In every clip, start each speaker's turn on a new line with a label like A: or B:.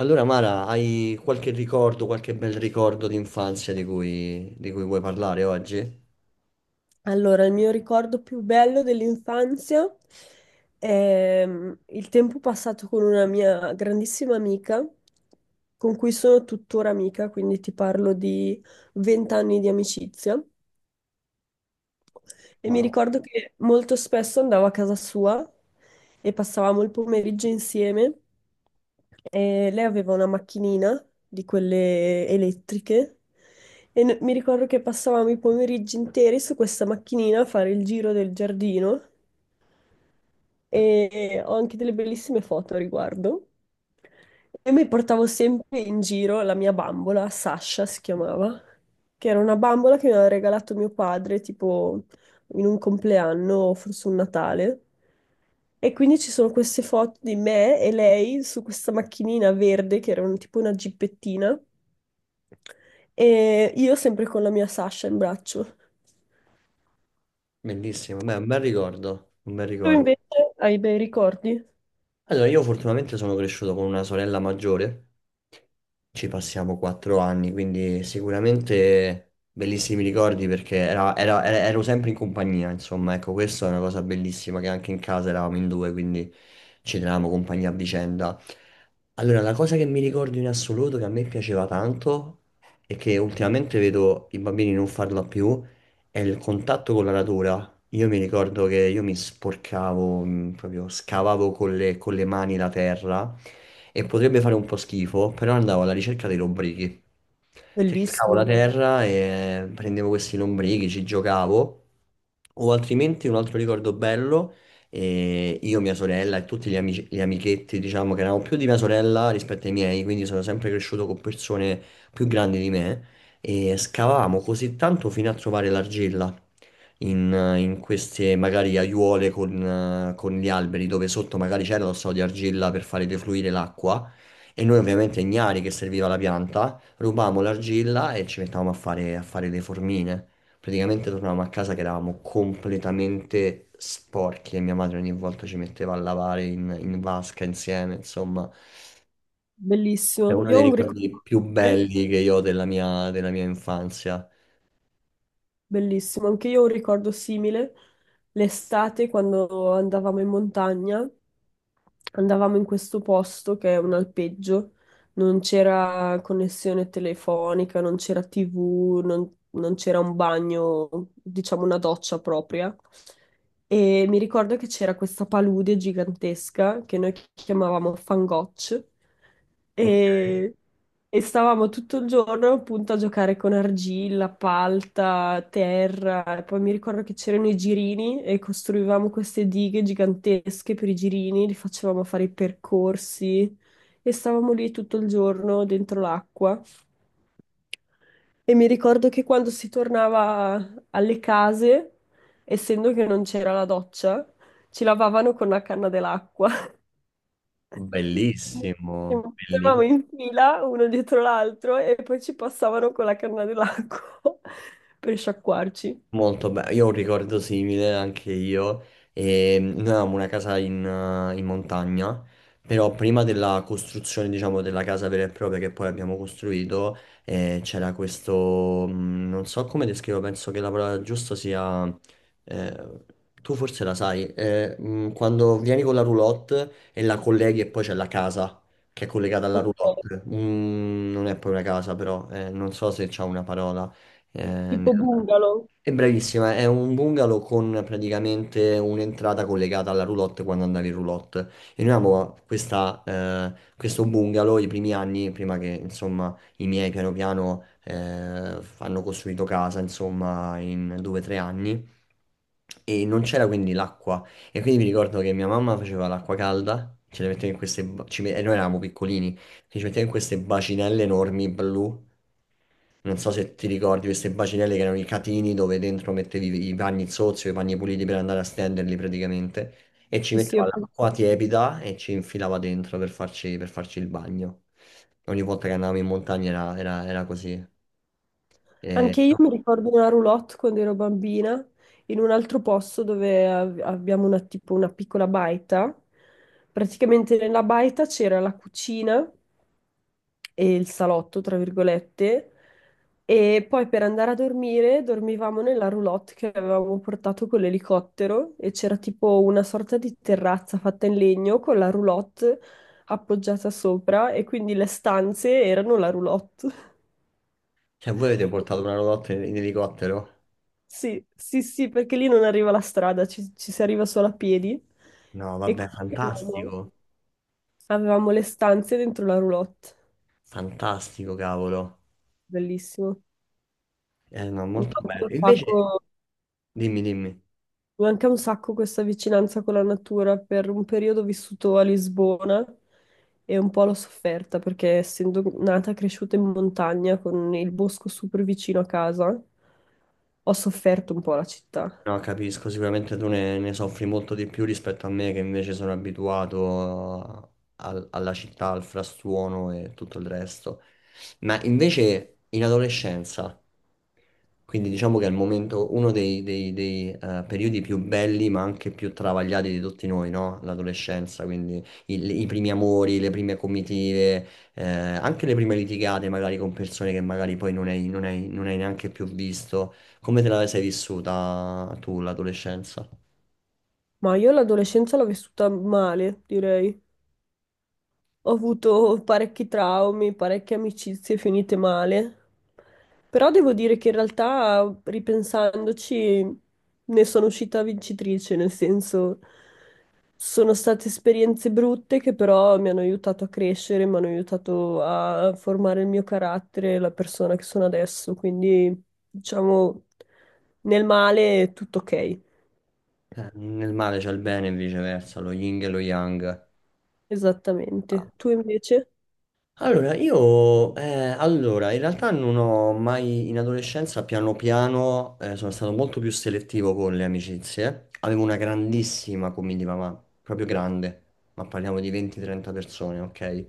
A: Allora, Mara, hai qualche ricordo, qualche bel ricordo di infanzia di cui vuoi parlare oggi?
B: Allora, il mio ricordo più bello dell'infanzia è il tempo passato con una mia grandissima amica, con cui sono tuttora amica, quindi ti parlo di 20 anni di amicizia. E mi
A: Wow,
B: ricordo che molto spesso andavo a casa sua e passavamo il pomeriggio insieme. E lei aveva una macchinina di quelle elettriche mi ricordo che passavamo i pomeriggi interi su questa macchinina a fare il giro del giardino e ho anche delle bellissime foto a riguardo. E mi portavo sempre in giro la mia bambola, Sasha si chiamava, che era una bambola che mi aveva regalato mio padre tipo in un compleanno o forse un Natale. E quindi ci sono queste foto di me e lei su questa macchinina verde che era tipo una gippettina e io sempre con la mia Sasha in braccio.
A: bellissimo, beh, un bel ricordo, un bel
B: Tu
A: ricordo.
B: invece hai bei ricordi?
A: Allora, io fortunatamente sono cresciuto con una sorella maggiore, ci passiamo 4 anni, quindi sicuramente bellissimi ricordi perché ero sempre in compagnia, insomma, ecco, questa è una cosa bellissima che anche in casa eravamo in due, quindi ci tenevamo compagnia a vicenda. Allora, la cosa che mi ricordo in assoluto, che a me piaceva tanto e che ultimamente vedo i bambini non farla più, è il contatto con la natura. Io mi ricordo che io mi sporcavo, proprio scavavo con le mani la terra e potrebbe fare un po' schifo, però andavo alla ricerca dei lombrichi. Cercavo la
B: Bellissimo.
A: terra e prendevo questi lombrichi, ci giocavo. O altrimenti un altro ricordo bello, io, mia sorella e tutti gli amichetti, diciamo che erano più di mia sorella rispetto ai miei, quindi sono sempre cresciuto con persone più grandi di me, e scavavamo così tanto fino a trovare l'argilla in, in queste magari aiuole con con gli alberi dove sotto magari c'era lo strato di argilla per fare defluire l'acqua e noi ovviamente ignari che serviva la pianta rubavamo l'argilla e ci mettavamo a fare le formine. Praticamente tornavamo a casa che eravamo completamente sporchi e mia madre ogni volta ci metteva a lavare in vasca insieme, insomma. È
B: Bellissimo.
A: uno
B: Io
A: dei
B: ho un
A: ricordi
B: ricordo
A: più
B: simile,
A: belli che io ho della mia infanzia.
B: bellissimo, anche io ho un ricordo simile. L'estate, quando andavamo in montagna, andavamo in questo posto che è un alpeggio, non c'era connessione telefonica, non c'era TV, non, non c'era un bagno, diciamo una doccia propria. E mi ricordo che c'era questa palude gigantesca che noi chiamavamo Fangoccio.
A: Ok.
B: E E stavamo tutto il giorno appunto a giocare con argilla, palta, terra, e poi mi ricordo che c'erano i girini e costruivamo queste dighe gigantesche per i girini, li facevamo fare i percorsi e stavamo lì tutto il giorno dentro l'acqua. E mi ricordo che quando si tornava alle case, essendo che non c'era la doccia, ci lavavano con la canna dell'acqua. Ci
A: Bellissimo,
B: mettevamo
A: bellissimo.
B: in fila uno dietro l'altro e poi ci passavano con la canna dell'acqua per sciacquarci.
A: Molto bene, io ho un ricordo simile anche io. E noi avevamo una casa in montagna, però prima della costruzione, diciamo, della casa vera e propria che poi abbiamo costruito, c'era questo, non so come descrivo, penso che la parola giusta sia, eh, tu forse la sai, quando vieni con la roulotte e la colleghi e poi c'è la casa che è collegata alla
B: Ok.
A: roulotte. Mm, non è poi una casa, però, non so se c'è una parola. eh, nel-
B: Tipo bungalow.
A: è bravissima, è un bungalow con praticamente un'entrata collegata alla roulotte quando andavi in roulotte. E noi avevamo questa, questo bungalow i primi anni, prima che insomma i miei piano piano hanno costruito casa, insomma, in 2 o 3 anni. E non c'era quindi l'acqua. E quindi mi ricordo che mia mamma faceva l'acqua calda, ce le metteva in queste... E noi eravamo piccolini, che ci metteva in queste bacinelle enormi blu. Non so se ti ricordi queste bacinelle che erano i catini dove dentro mettevi i panni sozzi o i panni puliti per andare a stenderli praticamente e ci
B: Sì, sì,
A: metteva
B: ho
A: l'acqua
B: presente.
A: tiepida e ci infilava dentro per farci il bagno. Ogni volta che andavamo in montagna era così. E-
B: Anche io mi ricordo una roulotte quando ero bambina in un altro posto dove abbiamo una, tipo una piccola baita. Praticamente nella baita c'era la cucina e il salotto, tra virgolette. E poi per andare a dormire dormivamo nella roulotte che avevamo portato con l'elicottero e c'era tipo una sorta di terrazza fatta in legno con la roulotte appoggiata sopra e quindi le stanze erano la roulotte.
A: Cioè, voi avete portato una roulotte in elicottero?
B: Sì, sì, sì, perché lì non arriva la strada, ci, ci si arriva solo a piedi
A: No,
B: e
A: vabbè,
B: quindi avevamo,
A: fantastico,
B: avevamo le stanze dentro la roulotte.
A: fantastico, cavolo.
B: Bellissimo.
A: No,
B: Mi
A: molto
B: manca
A: bello.
B: un
A: Invece,
B: sacco
A: dimmi, dimmi.
B: Mi manca un sacco questa vicinanza con la natura. Per un periodo ho vissuto a Lisbona e un po' l'ho sofferta perché essendo nata e cresciuta in montagna con il bosco super vicino a casa, ho sofferto un po' la città.
A: No, capisco, sicuramente tu ne soffri molto di più rispetto a me che invece sono abituato alla città, al frastuono e tutto il resto. Ma invece in adolescenza. Quindi diciamo che è il momento, dei, periodi più belli ma anche più travagliati di tutti noi, no? L'adolescenza, quindi i primi amori, le prime comitive, anche le prime litigate magari con persone che magari poi non hai, non hai- non hai neanche più visto. Come te la sei vissuta tu l'adolescenza?
B: Ma io l'adolescenza l'ho vissuta male, direi. Ho avuto parecchi traumi, parecchie amicizie finite male, però devo dire che in realtà, ripensandoci, ne sono uscita vincitrice, nel senso sono state esperienze brutte che però mi hanno aiutato a crescere, mi hanno aiutato a formare il mio carattere, la persona che sono adesso, quindi diciamo nel male è tutto ok,
A: Nel male c'è il bene e viceversa, lo yin e lo yang.
B: esattamente. Tu invece?
A: Allora, in realtà non ho mai in adolescenza piano piano sono stato molto più selettivo con le amicizie. Avevo una grandissima comitiva, ma proprio grande, ma parliamo di 20-30 persone, ok?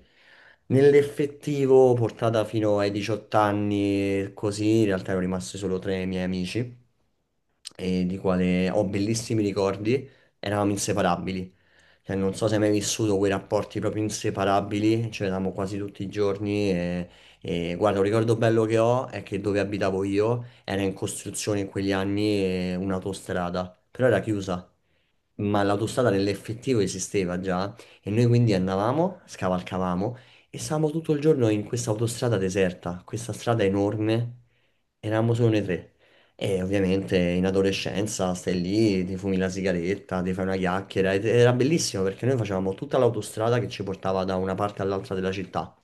A: Nell'effettivo, portata fino ai 18 anni, così, in realtà ero rimasto solo tre miei amici e di quale ho bellissimi ricordi, eravamo inseparabili. Cioè, non so se hai mai vissuto quei rapporti proprio inseparabili, ci vedevamo quasi tutti i giorni e guarda, un ricordo bello che ho è che dove abitavo io era in costruzione in quegli anni un'autostrada, però era chiusa ma l'autostrada nell'effettivo esisteva già e noi quindi andavamo, scavalcavamo e stavamo tutto il giorno in questa autostrada deserta, questa strada enorme, eravamo solo noi tre. E ovviamente in adolescenza stai lì, ti fumi la sigaretta, ti fai una chiacchiera ed era bellissimo perché noi facevamo tutta l'autostrada che ci portava da una parte all'altra della città.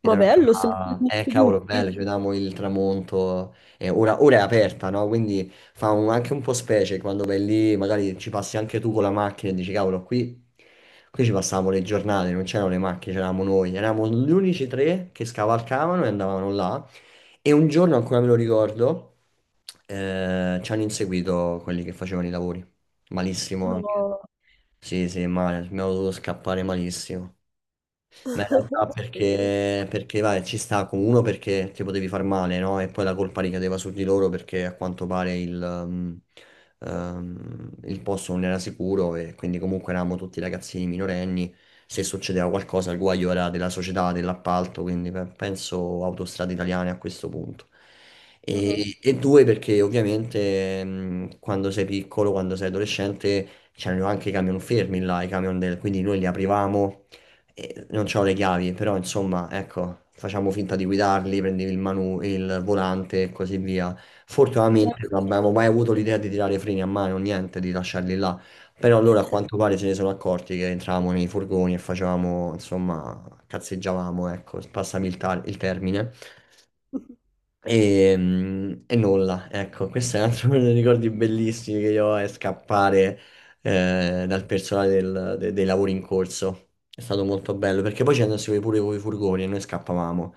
A: Ed
B: Ma
A: era una
B: bello, sempre
A: cosa,
B: l'inizio di un
A: cavolo,
B: film.
A: bello, ci vedevamo il tramonto, ora è aperta, no? Quindi anche un po' specie quando vai lì, magari ci passi anche tu con la macchina e dici, cavolo, qui, qui ci passavamo le giornate, non c'erano le macchine, c'eravamo noi, eravamo gli unici tre che scavalcavano e andavano là, e un giorno, ancora me lo ricordo, ci hanno inseguito quelli che facevano i lavori, malissimo anche,
B: No.
A: sì sì, male, abbiamo dovuto scappare malissimo. Ma in realtà
B: Sì.
A: perché, perché, vai, ci sta con uno perché ti potevi far male, no? E poi la colpa ricadeva su di loro perché a quanto pare il posto non era sicuro e quindi comunque eravamo tutti ragazzini minorenni. Se succedeva qualcosa, il guaio era della società, dell'appalto, quindi penso Autostrade Italiane a questo punto.
B: Ah-ah.
A: E due perché ovviamente quando sei piccolo, quando sei adolescente, c'erano anche i camion fermi là, i camion del... quindi noi li aprivamo e non c'ho le chiavi, però insomma, ecco, facciamo finta di guidarli, prendevi il il volante e così via.
B: Le
A: Fortunatamente
B: chiavi.
A: non abbiamo mai avuto l'idea di tirare i freni a mano, niente, di lasciarli là. Però allora a quanto pare se ne sono accorti che entravamo nei furgoni e facevamo, insomma, cazzeggiavamo, ecco, passami il termine. E nulla, ecco, questo è un altro dei ricordi bellissimi che io ho, è scappare dal personale dei lavori in corso. È stato molto bello, perché poi ci andassimo pure con i furgoni e noi scappavamo.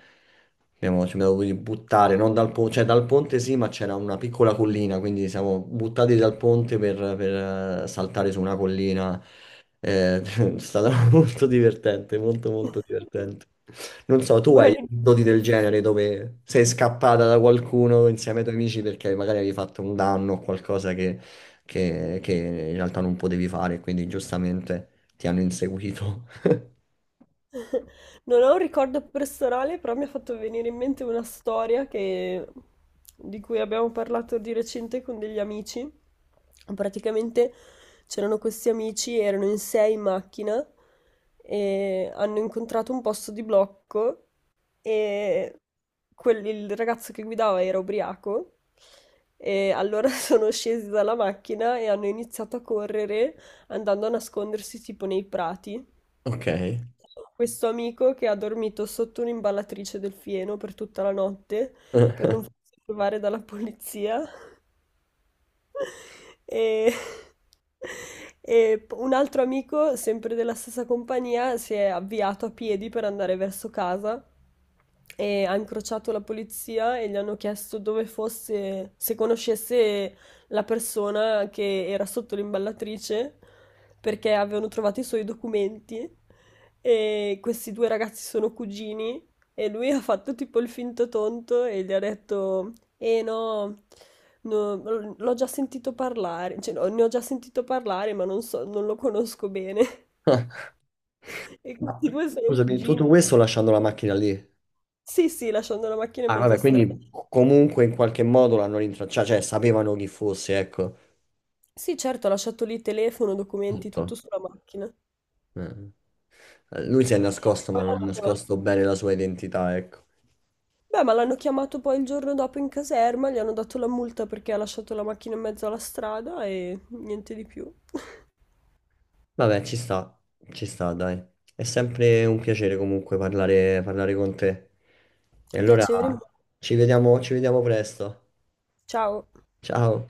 A: Abbiamo, ci abbiamo dovuti buttare, non dal ponte, cioè dal ponte sì, ma c'era una piccola collina, quindi siamo buttati dal ponte saltare su una collina. È stato molto divertente, molto molto divertente. Non so, tu hai doti
B: Bravissimi.
A: del genere dove sei scappata da qualcuno insieme ai tuoi amici perché magari avevi fatto un danno o qualcosa che, che in realtà non potevi fare, quindi giustamente ti hanno inseguito.
B: Non ho un ricordo personale, però mi ha fatto venire in mente una storia di cui abbiamo parlato di recente con degli amici. Praticamente c'erano questi amici, erano in 6 in macchina e hanno incontrato un posto di blocco e il ragazzo che guidava era ubriaco e allora sono scesi dalla macchina e hanno iniziato a correre andando a nascondersi tipo nei prati.
A: Ok.
B: Questo amico che ha dormito sotto un'imballatrice del fieno per tutta la notte per non farsi trovare dalla polizia e, un altro amico, sempre della stessa compagnia, si è avviato a piedi per andare verso casa e ha incrociato la polizia e gli hanno chiesto dove fosse, se conoscesse la persona che era sotto l'imballatrice perché avevano trovato i suoi documenti e questi due ragazzi sono cugini e lui ha fatto tipo il finto tonto e gli ha detto eh no, no, l'ho già sentito parlare, cioè no, ne ho già sentito parlare, ma non so, non lo conosco bene. E
A: Ma,
B: questi due sono
A: scusami,
B: cugini.
A: tutto questo lasciando la macchina lì.
B: Sì, sì, lasciando la macchina in
A: Ah,
B: mezza
A: vabbè,
B: strada.
A: quindi comunque in qualche modo l'hanno rintracciata, sapevano chi fosse, ecco,
B: Sì, certo, ho lasciato lì telefono, documenti, tutto
A: tutto.
B: sulla macchina.
A: Eh. Lui si è
B: E
A: nascosto, ma
B: poi
A: non ha
B: l'hanno chiamato.
A: nascosto bene la sua identità, ecco.
B: Beh, ma l'hanno chiamato poi il giorno dopo in caserma, gli hanno dato la multa perché ha lasciato la macchina in mezzo alla strada e niente di più.
A: Vabbè, ci sta, dai. È sempre un piacere comunque parlare con te. E allora
B: Piacere mio.
A: ci vediamo presto.
B: Ciao.
A: Ciao.